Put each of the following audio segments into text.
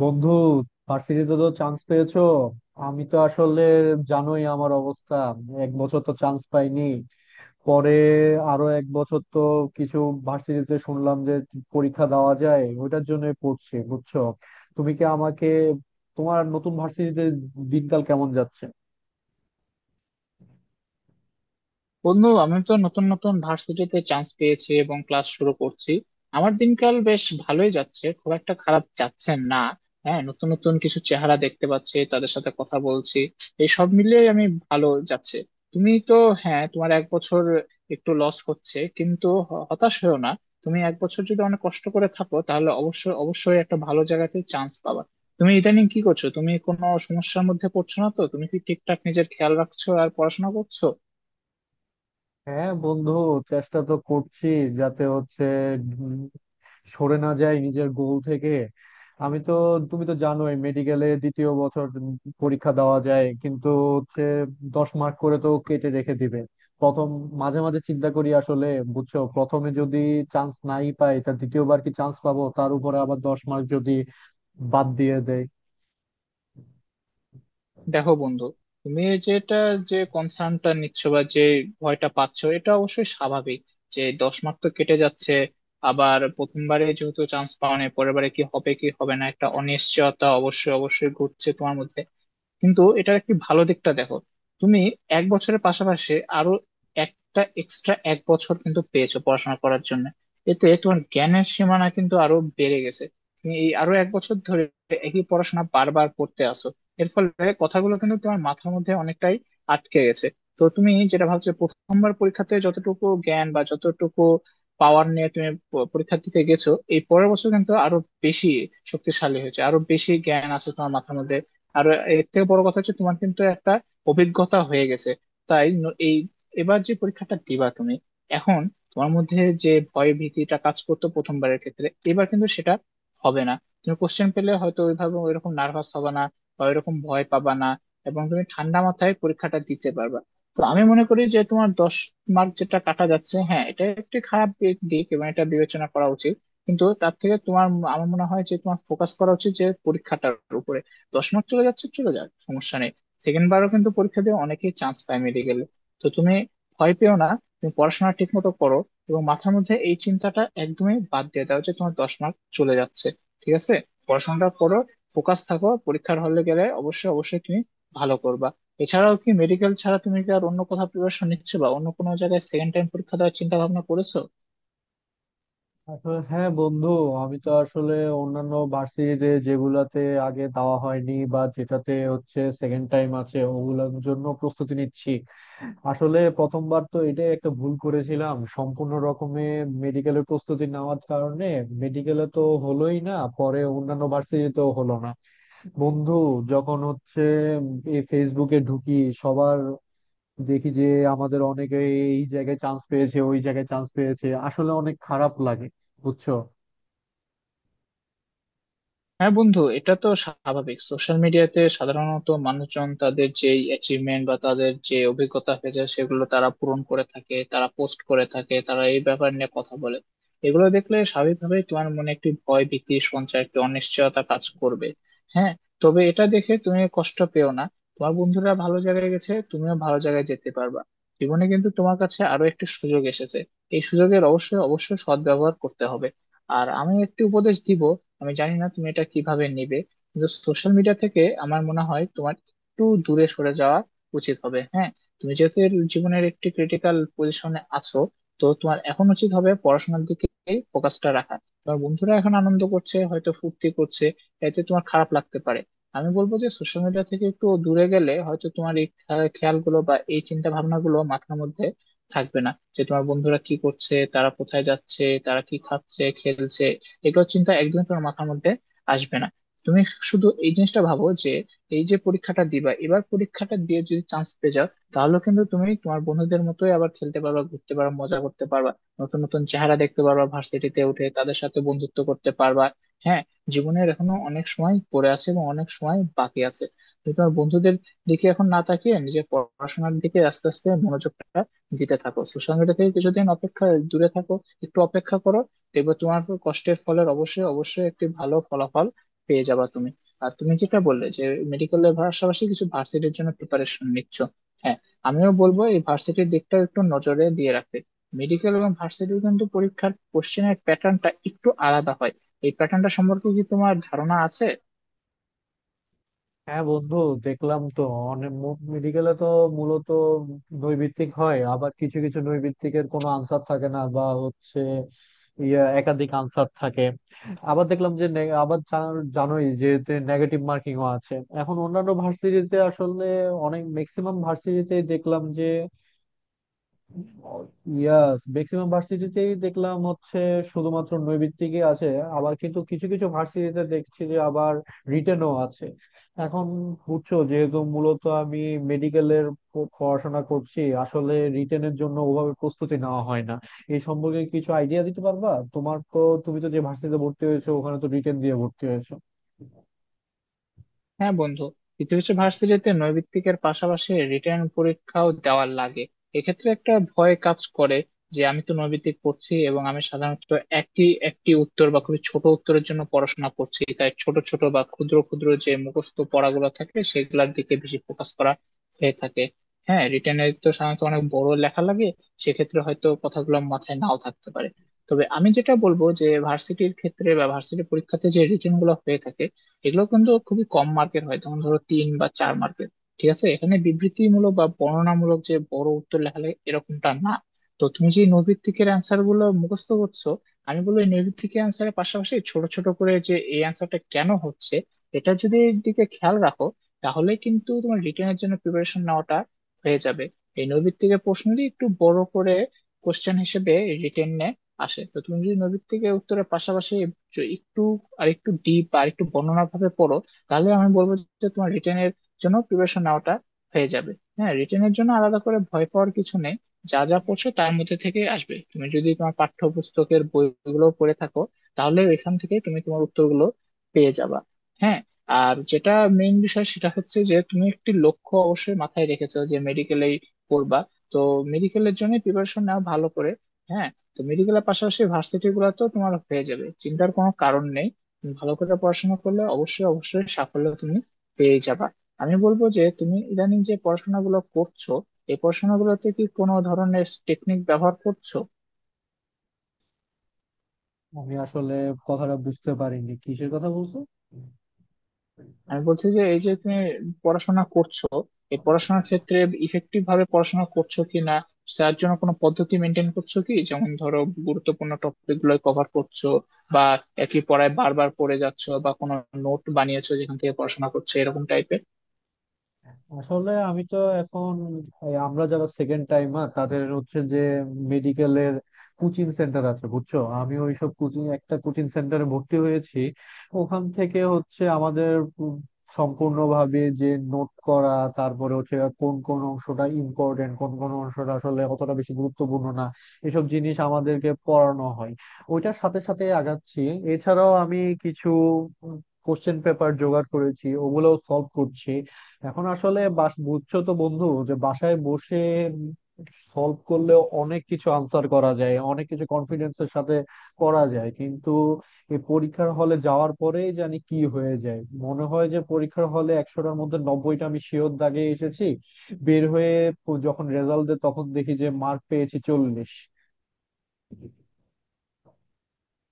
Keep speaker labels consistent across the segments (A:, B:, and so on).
A: বন্ধু, ভার্সিটিতে তো চান্স পেয়েছো। আমি তো আসলে জানোই আমার অবস্থা। এক বছর তো চান্স পাইনি, পরে আরো এক বছর তো কিছু ভার্সিটিতে শুনলাম যে পরীক্ষা দেওয়া যায়, ওইটার জন্য পড়ছি বুঝছো। তুমি কি আমাকে তোমার নতুন ভার্সিটিতে দিনকাল কেমন যাচ্ছে?
B: বন্ধু, আমি তো নতুন নতুন ভার্সিটিতে চান্স পেয়েছি এবং ক্লাস শুরু করছি। আমার দিনকাল বেশ ভালোই যাচ্ছে, খুব একটা খারাপ যাচ্ছে না। হ্যাঁ, নতুন নতুন কিছু চেহারা দেখতে পাচ্ছি, তাদের সাথে কথা বলছি। এই সব মিলিয়ে আমি ভালো যাচ্ছে। তুমি তো, হ্যাঁ, তোমার এক বছর একটু লস হচ্ছে, কিন্তু হতাশ হয়েও না। তুমি এক বছর যদি অনেক কষ্ট করে থাকো, তাহলে অবশ্যই অবশ্যই একটা ভালো জায়গাতে চান্স পাবা। তুমি ইদানিং কি করছো? তুমি কোনো সমস্যার মধ্যে পড়ছো না তো? তুমি কি ঠিকঠাক নিজের খেয়াল রাখছো আর পড়াশোনা করছো?
A: হ্যাঁ বন্ধু, চেষ্টা তো করছি যাতে হচ্ছে সরে না যাই নিজের গোল থেকে। আমি তো তুমি তো জানোই মেডিকেলে দ্বিতীয় বছর পরীক্ষা দেওয়া যায় কিন্তু হচ্ছে 10 মার্ক করে তো কেটে রেখে দিবে প্রথম। মাঝে মাঝে চিন্তা করি আসলে বুঝছো, প্রথমে যদি চান্স নাই পাই তা দ্বিতীয়বার কি চান্স পাবো, তার উপরে আবার 10 মার্ক যদি বাদ দিয়ে দেয়।
B: দেখো বন্ধু, তুমি এই যেটা, যে কনসার্নটা নিচ্ছ বা যে ভয়টা পাচ্ছ, এটা অবশ্যই স্বাভাবিক। যে 10 মার্ক তো কেটে যাচ্ছে, আবার প্রথমবারে যেহেতু চান্স পাওয়া নেই, পরের বারে কি হবে কি হবে না, একটা অনিশ্চয়তা অবশ্যই অবশ্যই ঘুরছে তোমার মধ্যে। কিন্তু এটার একটি ভালো দিকটা দেখো, তুমি এক বছরের পাশাপাশি আরো একটা এক্সট্রা এক বছর কিন্তু পেয়েছো পড়াশোনা করার জন্য। এতে তোমার জ্ঞানের সীমানা কিন্তু আরো বেড়ে গেছে। তুমি এই আরো এক বছর ধরে একই পড়াশোনা বারবার করতে আসো, এর ফলে কথাগুলো কিন্তু তোমার মাথার মধ্যে অনেকটাই আটকে গেছে। তো তুমি যেটা ভাবছো প্রথমবার পরীক্ষাতে যতটুকু জ্ঞান বা যতটুকু পাওয়ার নিয়ে তুমি পরীক্ষা দিতে গেছো, এই পরের বছর কিন্তু আরো বেশি শক্তিশালী হয়েছে, আরো বেশি জ্ঞান আছে তোমার মাথার মধ্যে। আর এর থেকে বড় কথা হচ্ছে, তোমার কিন্তু একটা অভিজ্ঞতা হয়ে গেছে। তাই ন- এই এবার যে পরীক্ষাটা দিবা তুমি, এখন তোমার মধ্যে যে ভয় ভীতিটা কাজ করতো প্রথমবারের ক্ষেত্রে, এবার কিন্তু সেটা হবে না। তুমি কোশ্চেন পেলে হয়তো ওইভাবে ওইরকম নার্ভাস হবে না বা ওইরকম ভয় পাবা না, এবং তুমি ঠান্ডা মাথায় পরীক্ষাটা দিতে পারবা। তো আমি মনে করি যে তোমার 10 মার্ক যেটা কাটা যাচ্ছে, হ্যাঁ, এটা একটি খারাপ দিক দিক এবং এটা বিবেচনা করা উচিত, কিন্তু তার থেকে তোমার, আমার মনে হয় যে তোমার ফোকাস করা উচিত যে পরীক্ষাটার উপরে। 10 মিনিট চলে যাচ্ছে, চলে যাক, সমস্যা নেই। সেকেন্ড বারও কিন্তু পরীক্ষা দিয়ে অনেকেই চান্স পায় মেডিকেলে। তো তুমি ভয় পেও না, তুমি পড়াশোনা ঠিক মতো করো, এবং মাথার মধ্যে এই চিন্তাটা একদমই বাদ দিয়ে দাও যে তোমার দশ মার্ক চলে যাচ্ছে। ঠিক আছে? পড়াশোনাটা করো, ফোকাস থাকো, পরীক্ষার হলে গেলে অবশ্যই অবশ্যই তুমি ভালো করবা। এছাড়াও কি মেডিকেল ছাড়া তুমি কি আর অন্য কোথাও প্রিপারেশন নিচ্ছে বা অন্য কোনো জায়গায় সেকেন্ড টাইম পরীক্ষা দেওয়ার চিন্তা ভাবনা করেছো?
A: আসলে হ্যাঁ বন্ধু, আমি তো আসলে অন্যান্য ভার্সিটিতে যেগুলাতে আগে দেওয়া হয়নি বা যেটাতে হচ্ছে সেকেন্ড টাইম আছে ওগুলোর জন্য প্রস্তুতি নিচ্ছি। আসলে প্রথমবার তো এটাই একটা ভুল করেছিলাম সম্পূর্ণ রকমে, মেডিকেলের প্রস্তুতি নেওয়ার কারণে মেডিকেলে তো হলোই না, পরে অন্যান্য ভার্সিটিতেও হলো না। বন্ধু, যখন হচ্ছে উম, এই ফেসবুকে ঢুকি সবার, দেখি যে আমাদের অনেকে এই জায়গায় চান্স পেয়েছে ওই জায়গায় চান্স পেয়েছে, আসলে অনেক খারাপ লাগে বুঝছো।
B: হ্যাঁ বন্ধু, এটা তো স্বাভাবিক। সোশ্যাল মিডিয়াতে সাধারণত মানুষজন তাদের যে অ্যাচিভমেন্ট বা তাদের যে অভিজ্ঞতা হয়েছে সেগুলো তারা পূরণ করে থাকে, তারা পোস্ট করে থাকে, তারা এই ব্যাপার নিয়ে কথা বলে। এগুলো দেখলে স্বাভাবিকভাবেই তোমার মনে একটি ভয় ভীতি সঞ্চয়, একটি অনিশ্চয়তা কাজ করবে। হ্যাঁ, তবে এটা দেখে তুমি কষ্ট পেও না। তোমার বন্ধুরা ভালো জায়গায় গেছে, তুমিও ভালো জায়গায় যেতে পারবা। জীবনে কিন্তু তোমার কাছে আরো একটি সুযোগ এসেছে, এই সুযোগের অবশ্যই অবশ্যই সদ্ব্যবহার করতে হবে। আর আমি একটি উপদেশ দিব, আমি জানি না তুমি এটা কিভাবে নিবে, কিন্তু সোশ্যাল মিডিয়া থেকে আমার মনে হয় তোমার একটু দূরে সরে যাওয়া উচিত হবে। হ্যাঁ, তুমি যেহেতু এর জীবনের একটি ক্রিটিক্যাল পজিশনে আছো, তো তোমার এখন উচিত হবে পড়াশোনার দিকে ফোকাসটা রাখা। তোমার বন্ধুরা এখন আনন্দ করছে, হয়তো ফুর্তি করছে, এতে তোমার খারাপ লাগতে পারে। আমি বলবো যে সোশ্যাল মিডিয়া থেকে একটু দূরে গেলে হয়তো তোমার এই খেয়ালগুলো বা এই চিন্তা ভাবনাগুলো মাথার মধ্যে থাকবে না। যে তোমার বন্ধুরা কি করছে, তারা কোথায় যাচ্ছে, তারা কি খাচ্ছে খেলছে, এগুলো চিন্তা একদমই তোমার মাথার মধ্যে আসবে না। তুমি শুধু এই জিনিসটা ভাবো যে এই যে পরীক্ষাটা দিবা, এবার পরীক্ষাটা দিয়ে যদি চান্স পেয়ে যাও, তাহলে কিন্তু তুমি তোমার বন্ধুদের মতোই আবার খেলতে পারবা, ঘুরতে পারবা, মজা করতে পারবা। নতুন নতুন চেহারা দেখতে পারবা, ভার্সিটিতে উঠে তাদের সাথে বন্ধুত্ব করতে পারবা। হ্যাঁ, জীবনের এখনো অনেক সময় পড়ে আছে এবং অনেক সময় বাকি আছে। তুমি তোমার বন্ধুদের দিকে এখন না তাকিয়ে নিজের পড়াশোনার দিকে আস্তে আস্তে মনোযোগটা দিতে থাকো, সোশ্যাল মিডিয়া থেকে কিছুদিন অপেক্ষা দূরে থাকো, একটু অপেক্ষা করো। দেখবে তোমার উপর কষ্টের ফলের অবশ্যই অবশ্যই একটি ভালো ফলাফল পেয়ে যাবা তুমি। আর তুমি যেটা বললে যে মেডিকেলের পাশাপাশি কিছু ভার্সিটির জন্য প্রিপারেশন নিচ্ছ, হ্যাঁ, আমিও বলবো এই ভার্সিটির দিকটা একটু নজরে দিয়ে রাখতে। মেডিকেল এবং ভার্সিটির কিন্তু পরীক্ষার কোশ্চেনের প্যাটার্নটা একটু আলাদা হয়। এই প্যাটার্নটা সম্পর্কে কি তোমার ধারণা আছে?
A: হ্যাঁ বন্ধু, দেখলাম তো অনেক। মেডিকেলে তো মূলত নৈর্ব্যক্তিক হয়, আবার কিছু কিছু নৈর্ব্যক্তিকের কোনো আনসার থাকে না বা হচ্ছে ইয়া একাধিক আনসার থাকে। আবার দেখলাম যে আবার জানোই যে নেগেটিভ মার্কিংও আছে। এখন অন্যান্য ভার্সিটিতে আসলে অনেক ম্যাক্সিমাম ভার্সিটিতে দেখলাম যে ইয়াস ম্যাক্সিমাম ভার্সিটিতেই দেখলাম হচ্ছে শুধুমাত্র নৈর্ব্যক্তিকই আছে। আবার কিন্তু কিছু কিছু ভার্সিটিতে দেখছি যে আবার রিটেনও আছে। এখন বুঝছো যেহেতু মূলত আমি মেডিকেলের পড়াশোনা করছি, আসলে রিটেনের জন্য ওভাবে প্রস্তুতি নেওয়া হয় না। এই সম্পর্কে কিছু আইডিয়া দিতে পারবা তোমার তো, তুমি তো যে ভার্সিটিতে ভর্তি হয়েছো ওখানে তো রিটেন দিয়ে ভর্তি হয়েছো।
B: হ্যাঁ বন্ধু, ইতিহাসে ভার্সিটিতে নৈর্ব্যক্তিকের পাশাপাশি রিটেন পরীক্ষাও দেওয়ার লাগে। এক্ষেত্রে একটা ভয় কাজ করে যে আমি তো নৈর্ব্যক্তিক পড়ছি এবং আমি সাধারণত একটি একটি উত্তর বা খুবই ছোট উত্তরের জন্য পড়াশোনা করছি, তাই ছোট ছোট বা ক্ষুদ্র ক্ষুদ্র যে মুখস্থ পড়াগুলো থাকে সেগুলোর দিকে বেশি ফোকাস করা হয়ে থাকে। হ্যাঁ, রিটেনে তো সাধারণত অনেক বড় লেখা লাগে, সেক্ষেত্রে হয়তো কথাগুলো মাথায় নাও থাকতে পারে। তবে আমি যেটা বলবো যে ভার্সিটির ক্ষেত্রে বা ভার্সিটি পরীক্ষাতে যে রিটেন গুলো হয়ে থাকে, এগুলো কিন্তু খুবই কম মার্কের হয়, যেমন ধরো 3 বা 4 মার্কের। ঠিক আছে, এখানে বিবৃতিমূলক বা বর্ণনামূলক যে বড় উত্তর লেখালে এরকমটা না। তো তুমি যে নৈর্ব্যক্তিকের অ্যান্সার গুলো মুখস্থ করছো, আমি বলবো এই নৈর্ব্যক্তিকের অ্যান্সারের পাশাপাশি ছোট ছোট করে যে এই অ্যান্সারটা কেন হচ্ছে এটা যদি দিকে খেয়াল রাখো, তাহলে কিন্তু তোমার রিটেনের জন্য প্রিপারেশন নেওয়াটা হয়ে যাবে। এই নৈর্ব্যক্তিকের প্রশ্নটি একটু বড় করে কোশ্চেন হিসেবে রিটেনে আসে, তো তুমি যদি নৈর্ব্যক্তিকের উত্তরের পাশাপাশি যে একটু, আর একটু ডিপ, আর একটু বর্ণনা ভাবে পড়ো, তাহলে আমি বলবো যে তোমার রিটেনের জন্য প্রিপারেশন নেওয়াটা হয়ে যাবে। হ্যাঁ, রিটেনের জন্য আলাদা করে ভয় পাওয়ার কিছু নেই। যা যা পড়ছো তার মধ্যে থেকে আসবে, তুমি যদি তোমার পাঠ্যপুস্তকের বইগুলো পড়ে থাকো তাহলে এখান থেকে তুমি তোমার উত্তরগুলো পেয়ে যাবা। হ্যাঁ, আর যেটা মেইন বিষয় সেটা হচ্ছে যে তুমি একটি লক্ষ্য অবশ্যই মাথায় রেখেছো যে মেডিকেলেই পড়বা। তো মেডিকেলের জন্য প্রিপারেশন নাও ভালো করে। হ্যাঁ, তো মেডিকেলের পাশাপাশি ভার্সিটি গুলো তো তোমার হয়ে যাবে, চিন্তার কোনো কারণ নেই। তুমি ভালো করে পড়াশোনা করলে অবশ্যই অবশ্যই সাফল্য তুমি পেয়ে যাবা। আমি বলবো যে তুমি ইদানিং যে পড়াশোনাগুলো করছো, এই পড়াশোনাগুলোতে কি কোনো ধরনের টেকনিক ব্যবহার করছো?
A: আমি আসলে কথাটা বুঝতে পারিনি, কিসের কথা বলছো?
B: আমি বলছি যে এই যে তুমি পড়াশোনা করছো, এই পড়াশোনার ক্ষেত্রে ইফেক্টিভ ভাবে পড়াশোনা করছো কি না, তার জন্য কোনো পদ্ধতি মেনটেন করছো কি? যেমন ধরো গুরুত্বপূর্ণ টপিক গুলো কভার করছো, বা একই পড়ায় বারবার পড়ে যাচ্ছো, বা কোনো নোট বানিয়েছো যেখান থেকে পড়াশোনা করছো, এরকম টাইপের।
A: আসলে আমি তো এখন এই আমরা যারা সেকেন্ড টাইমার তাদের হচ্ছে যে মেডিকেলের কোচিং সেন্টার আছে বুঝছো, আমি ওইসব কোচিং একটা কোচিং সেন্টারে ভর্তি হয়েছি। ওখান থেকে হচ্ছে আমাদের পু- সম্পূর্ণভাবে যে নোট করা, তারপরে হচ্ছে কোন কোন অংশটা ইম্পর্টেন্ট কোন কোন অংশটা আসলে অতটা বেশি গুরুত্বপূর্ণ না, এসব জিনিস আমাদেরকে পড়ানো হয়, ওইটার সাথে সাথে আগাচ্ছি। এছাড়াও আমি কিছু কোশ্চেন পেপার জোগাড় করেছি, ওগুলোও সলভ করছি। এখন আসলে বাস বুঝছো তো বন্ধু যে বাসায় বসে সলভ করলেও অনেক কিছু আনসার করা যায়, অনেক কিছু কনফিডেন্সের সাথে করা যায়, কিন্তু এই পরীক্ষার হলে যাওয়ার পরেই জানি কি হয়ে যায়, মনে হয় যে পরীক্ষার হলে 100টার মধ্যে 90টা আমি শিওর দাগে এসেছি, বের হয়ে যখন রেজাল্ট দেয় তখন দেখি যে মার্ক পেয়েছি 40।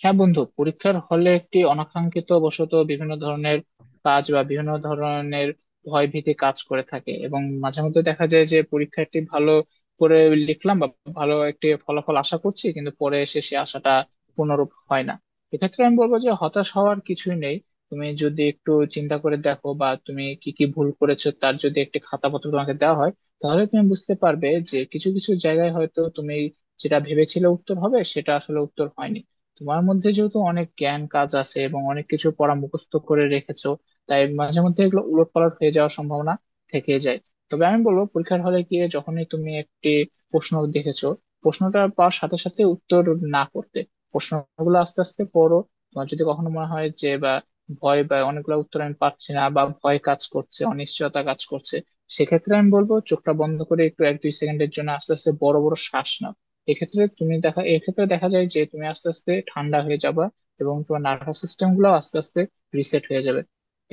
B: হ্যাঁ বন্ধু, পরীক্ষার হলে একটি অনাকাঙ্ক্ষিত বশত বিভিন্ন ধরনের কাজ বা বিভিন্ন ধরনের ভয় ভীতি কাজ করে থাকে এবং মাঝে মধ্যে দেখা যায় যে পরীক্ষাটি ভালো করে লিখলাম বা ভালো একটি ফলাফল আশা করছি, কিন্তু পরে এসে সে আশাটা পূর্ণরূপ হয় না। এক্ষেত্রে আমি বলবো যে হতাশ হওয়ার কিছুই নেই। তুমি যদি একটু চিন্তা করে দেখো বা তুমি কি কি ভুল করেছো তার যদি একটি খাতাপত্র তোমাকে দেওয়া হয়, তাহলে তুমি বুঝতে পারবে যে কিছু কিছু জায়গায় হয়তো তুমি যেটা ভেবেছিলে উত্তর হবে সেটা আসলে উত্তর হয়নি। তোমার মধ্যে যেহেতু অনেক জ্ঞান কাজ আছে এবং অনেক কিছু পড়া মুখস্থ করে রেখেছো, তাই মাঝে মধ্যে এগুলো উলটপালট হয়ে যাওয়ার সম্ভাবনা থেকে যায়। তবে আমি বলবো পরীক্ষার হলে গিয়ে যখনই তুমি একটি প্রশ্ন দেখেছো, প্রশ্নটা পাওয়ার সাথে সাথে উত্তর না করতে। প্রশ্নগুলো আস্তে আস্তে পড়ো। তোমার যদি কখনো মনে হয় যে বা ভয় বা অনেকগুলো উত্তর আমি পাচ্ছি না বা ভয় কাজ করছে, অনিশ্চয়তা কাজ করছে, সেক্ষেত্রে আমি বলবো চোখটা বন্ধ করে একটু 1-2 সেকেন্ডের জন্য আস্তে আস্তে বড় বড় শ্বাস নাও। এক্ষেত্রে দেখা যায় যে তুমি আস্তে আস্তে ঠান্ডা হয়ে যাবা এবং তোমার নার্ভাস সিস্টেম গুলো আস্তে আস্তে রিসেট হয়ে যাবে।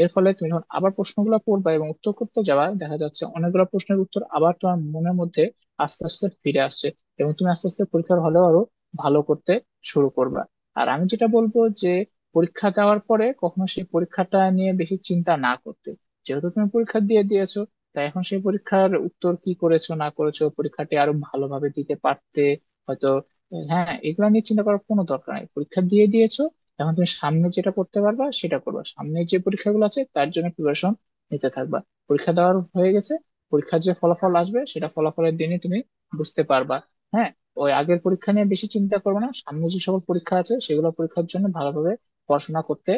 B: এর ফলে তুমি যখন আবার প্রশ্নগুলো পড়বা এবং উত্তর করতে যাবা, দেখা যাচ্ছে অনেকগুলো প্রশ্নের উত্তর আবার তোমার মনের মধ্যে আস্তে আস্তে ফিরে আসছে, এবং তুমি আস্তে আস্তে পরীক্ষার হলেও আরো ভালো করতে শুরু করবা। আর আমি যেটা বলবো যে পরীক্ষা দেওয়ার পরে কখনো সেই পরীক্ষাটা নিয়ে বেশি চিন্তা না করতে। যেহেতু তুমি পরীক্ষা দিয়ে দিয়েছো, তাই এখন সেই পরীক্ষার উত্তর কি করেছো না করেছো, পরীক্ষাটি আরো ভালোভাবে দিতে পারতে হয়তো, হ্যাঁ, এগুলো নিয়ে চিন্তা করার কোনো দরকার নেই। পরীক্ষা দিয়ে দিয়েছো, এখন তুমি সামনে যেটা করতে পারবা সেটা করবা, সামনে যে পরীক্ষাগুলো আছে তার জন্য প্রিপারেশন নিতে থাকবা। পরীক্ষা দেওয়ার হয়ে গেছে, পরীক্ষার যে ফলাফল আসবে সেটা ফলাফলের দিনে তুমি বুঝতে পারবা। হ্যাঁ, ওই আগের পরীক্ষা নিয়ে বেশি চিন্তা করবে না, সামনে যে সকল পরীক্ষা আছে সেগুলো পরীক্ষার জন্য ভালোভাবে পড়াশোনা করতে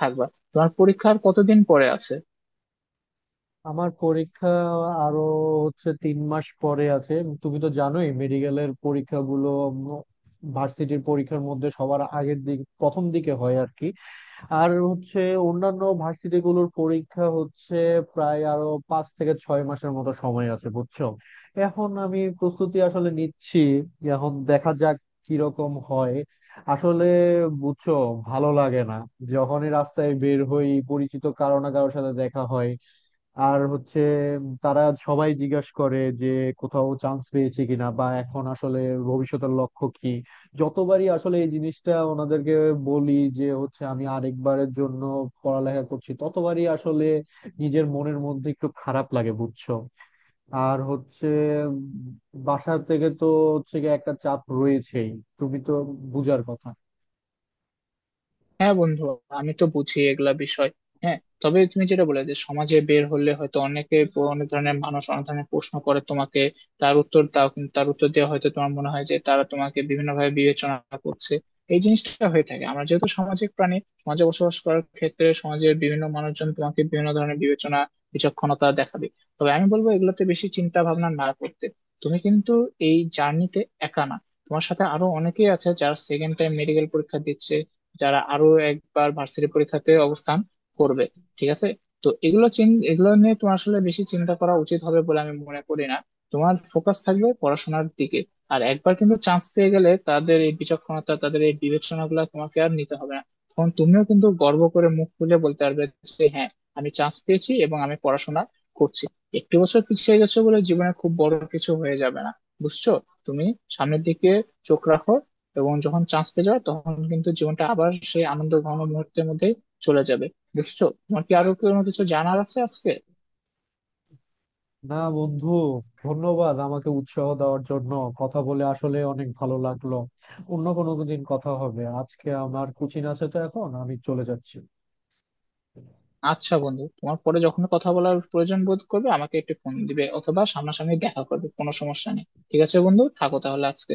B: থাকবা। তোমার পরীক্ষার কতদিন পরে আছে?
A: আমার পরীক্ষা আরো হচ্ছে 3 মাস পরে আছে। তুমি তো জানোই মেডিকেলের পরীক্ষাগুলো ভার্সিটির পরীক্ষার মধ্যে সবার আগের দিক প্রথম দিকে হয় আর কি। আর হচ্ছে অন্যান্য ভার্সিটিগুলোর পরীক্ষা হচ্ছে প্রায় আরো 5 থেকে 6 মাসের মতো সময় আছে বুঝছো। এখন আমি প্রস্তুতি আসলে নিচ্ছি, এখন দেখা যাক কিরকম হয়। আসলে বুঝছো ভালো লাগে না, যখনই রাস্তায় বের হই পরিচিত কারো না কারোর সাথে দেখা হয়, আর হচ্ছে তারা সবাই জিজ্ঞাস করে যে কোথাও চান্স পেয়েছে কিনা বা এখন আসলে ভবিষ্যতের লক্ষ্য কি। যতবারই আসলে এই জিনিসটা ওনাদেরকে বলি যে হচ্ছে আমি আরেকবারের জন্য পড়ালেখা করছি ততবারই আসলে নিজের মনের মধ্যে একটু খারাপ লাগে বুঝছো। আর হচ্ছে উম, বাসা থেকে তো হচ্ছে গিয়ে একটা চাপ রয়েছেই, তুমি তো বুঝার কথা।
B: হ্যাঁ বন্ধু, আমি তো বুঝি এগুলা বিষয়। হ্যাঁ, তবে তুমি যেটা বলে যে সমাজে বের হলে হয়তো অনেকে, অনেক ধরনের মানুষ অনেক ধরনের প্রশ্ন করে তোমাকে, তার উত্তর দাও, কিন্তু তার উত্তর দেওয়া হয়তো তোমার মনে হয় যে তারা তোমাকে বিভিন্নভাবে বিবেচনা করছে। এই জিনিসটা হয়ে থাকে, আমরা যেহেতু সামাজিক প্রাণী, সমাজে বসবাস করার ক্ষেত্রে সমাজের বিভিন্ন মানুষজন তোমাকে বিভিন্ন ধরনের বিবেচনা, বিচক্ষণতা দেখাবে। তবে আমি বলবো এগুলোতে বেশি চিন্তা ভাবনা না করতে। তুমি কিন্তু এই জার্নিতে একা না, তোমার সাথে আরো অনেকেই আছে যারা সেকেন্ড টাইম মেডিকেল পরীক্ষা দিচ্ছে, যারা আরো একবার ভার্সিটি পরীক্ষাতে অবস্থান করবে। ঠিক আছে? তো এগুলো এগুলো নিয়ে তোমার আসলে বেশি চিন্তা করা উচিত হবে বলে আমি মনে করি না। তোমার ফোকাস থাকবে পড়াশোনার দিকে। আর একবার কিন্তু চান্স পেয়ে গেলে তাদের এই বিচক্ষণতা, তাদের এই বিবেচনা গুলা তোমাকে আর নিতে হবে না। তখন তুমিও কিন্তু গর্ব করে মুখ খুলে বলতে পারবে যে হ্যাঁ, আমি চান্স পেয়েছি এবং আমি পড়াশোনা করছি। একটু বছর পিছিয়ে গেছো বলে জীবনে খুব বড় কিছু হয়ে যাবে না, বুঝছো। তুমি সামনের দিকে চোখ রাখো, এবং যখন চান্স পেয়ে যাবে তখন কিন্তু জীবনটা আবার সেই আনন্দ ঘন মুহূর্তের মধ্যে চলে যাবে। বুঝছো, তোমার কি আরো কোনো কিছু জানার আছে আজকে?
A: না বন্ধু, ধন্যবাদ আমাকে উৎসাহ দেওয়ার জন্য, কথা বলে আসলে অনেক ভালো লাগলো। অন্য কোনো দিন কথা হবে, আজকে আমার কোচিং আছে তো এখন আমি চলে যাচ্ছি।
B: আচ্ছা বন্ধু, তোমার পরে যখন কথা বলার প্রয়োজন বোধ করবে আমাকে একটু ফোন দিবে অথবা সামনাসামনি দেখা করবে, কোনো সমস্যা নেই। ঠিক আছে বন্ধু, থাকো তাহলে আজকে।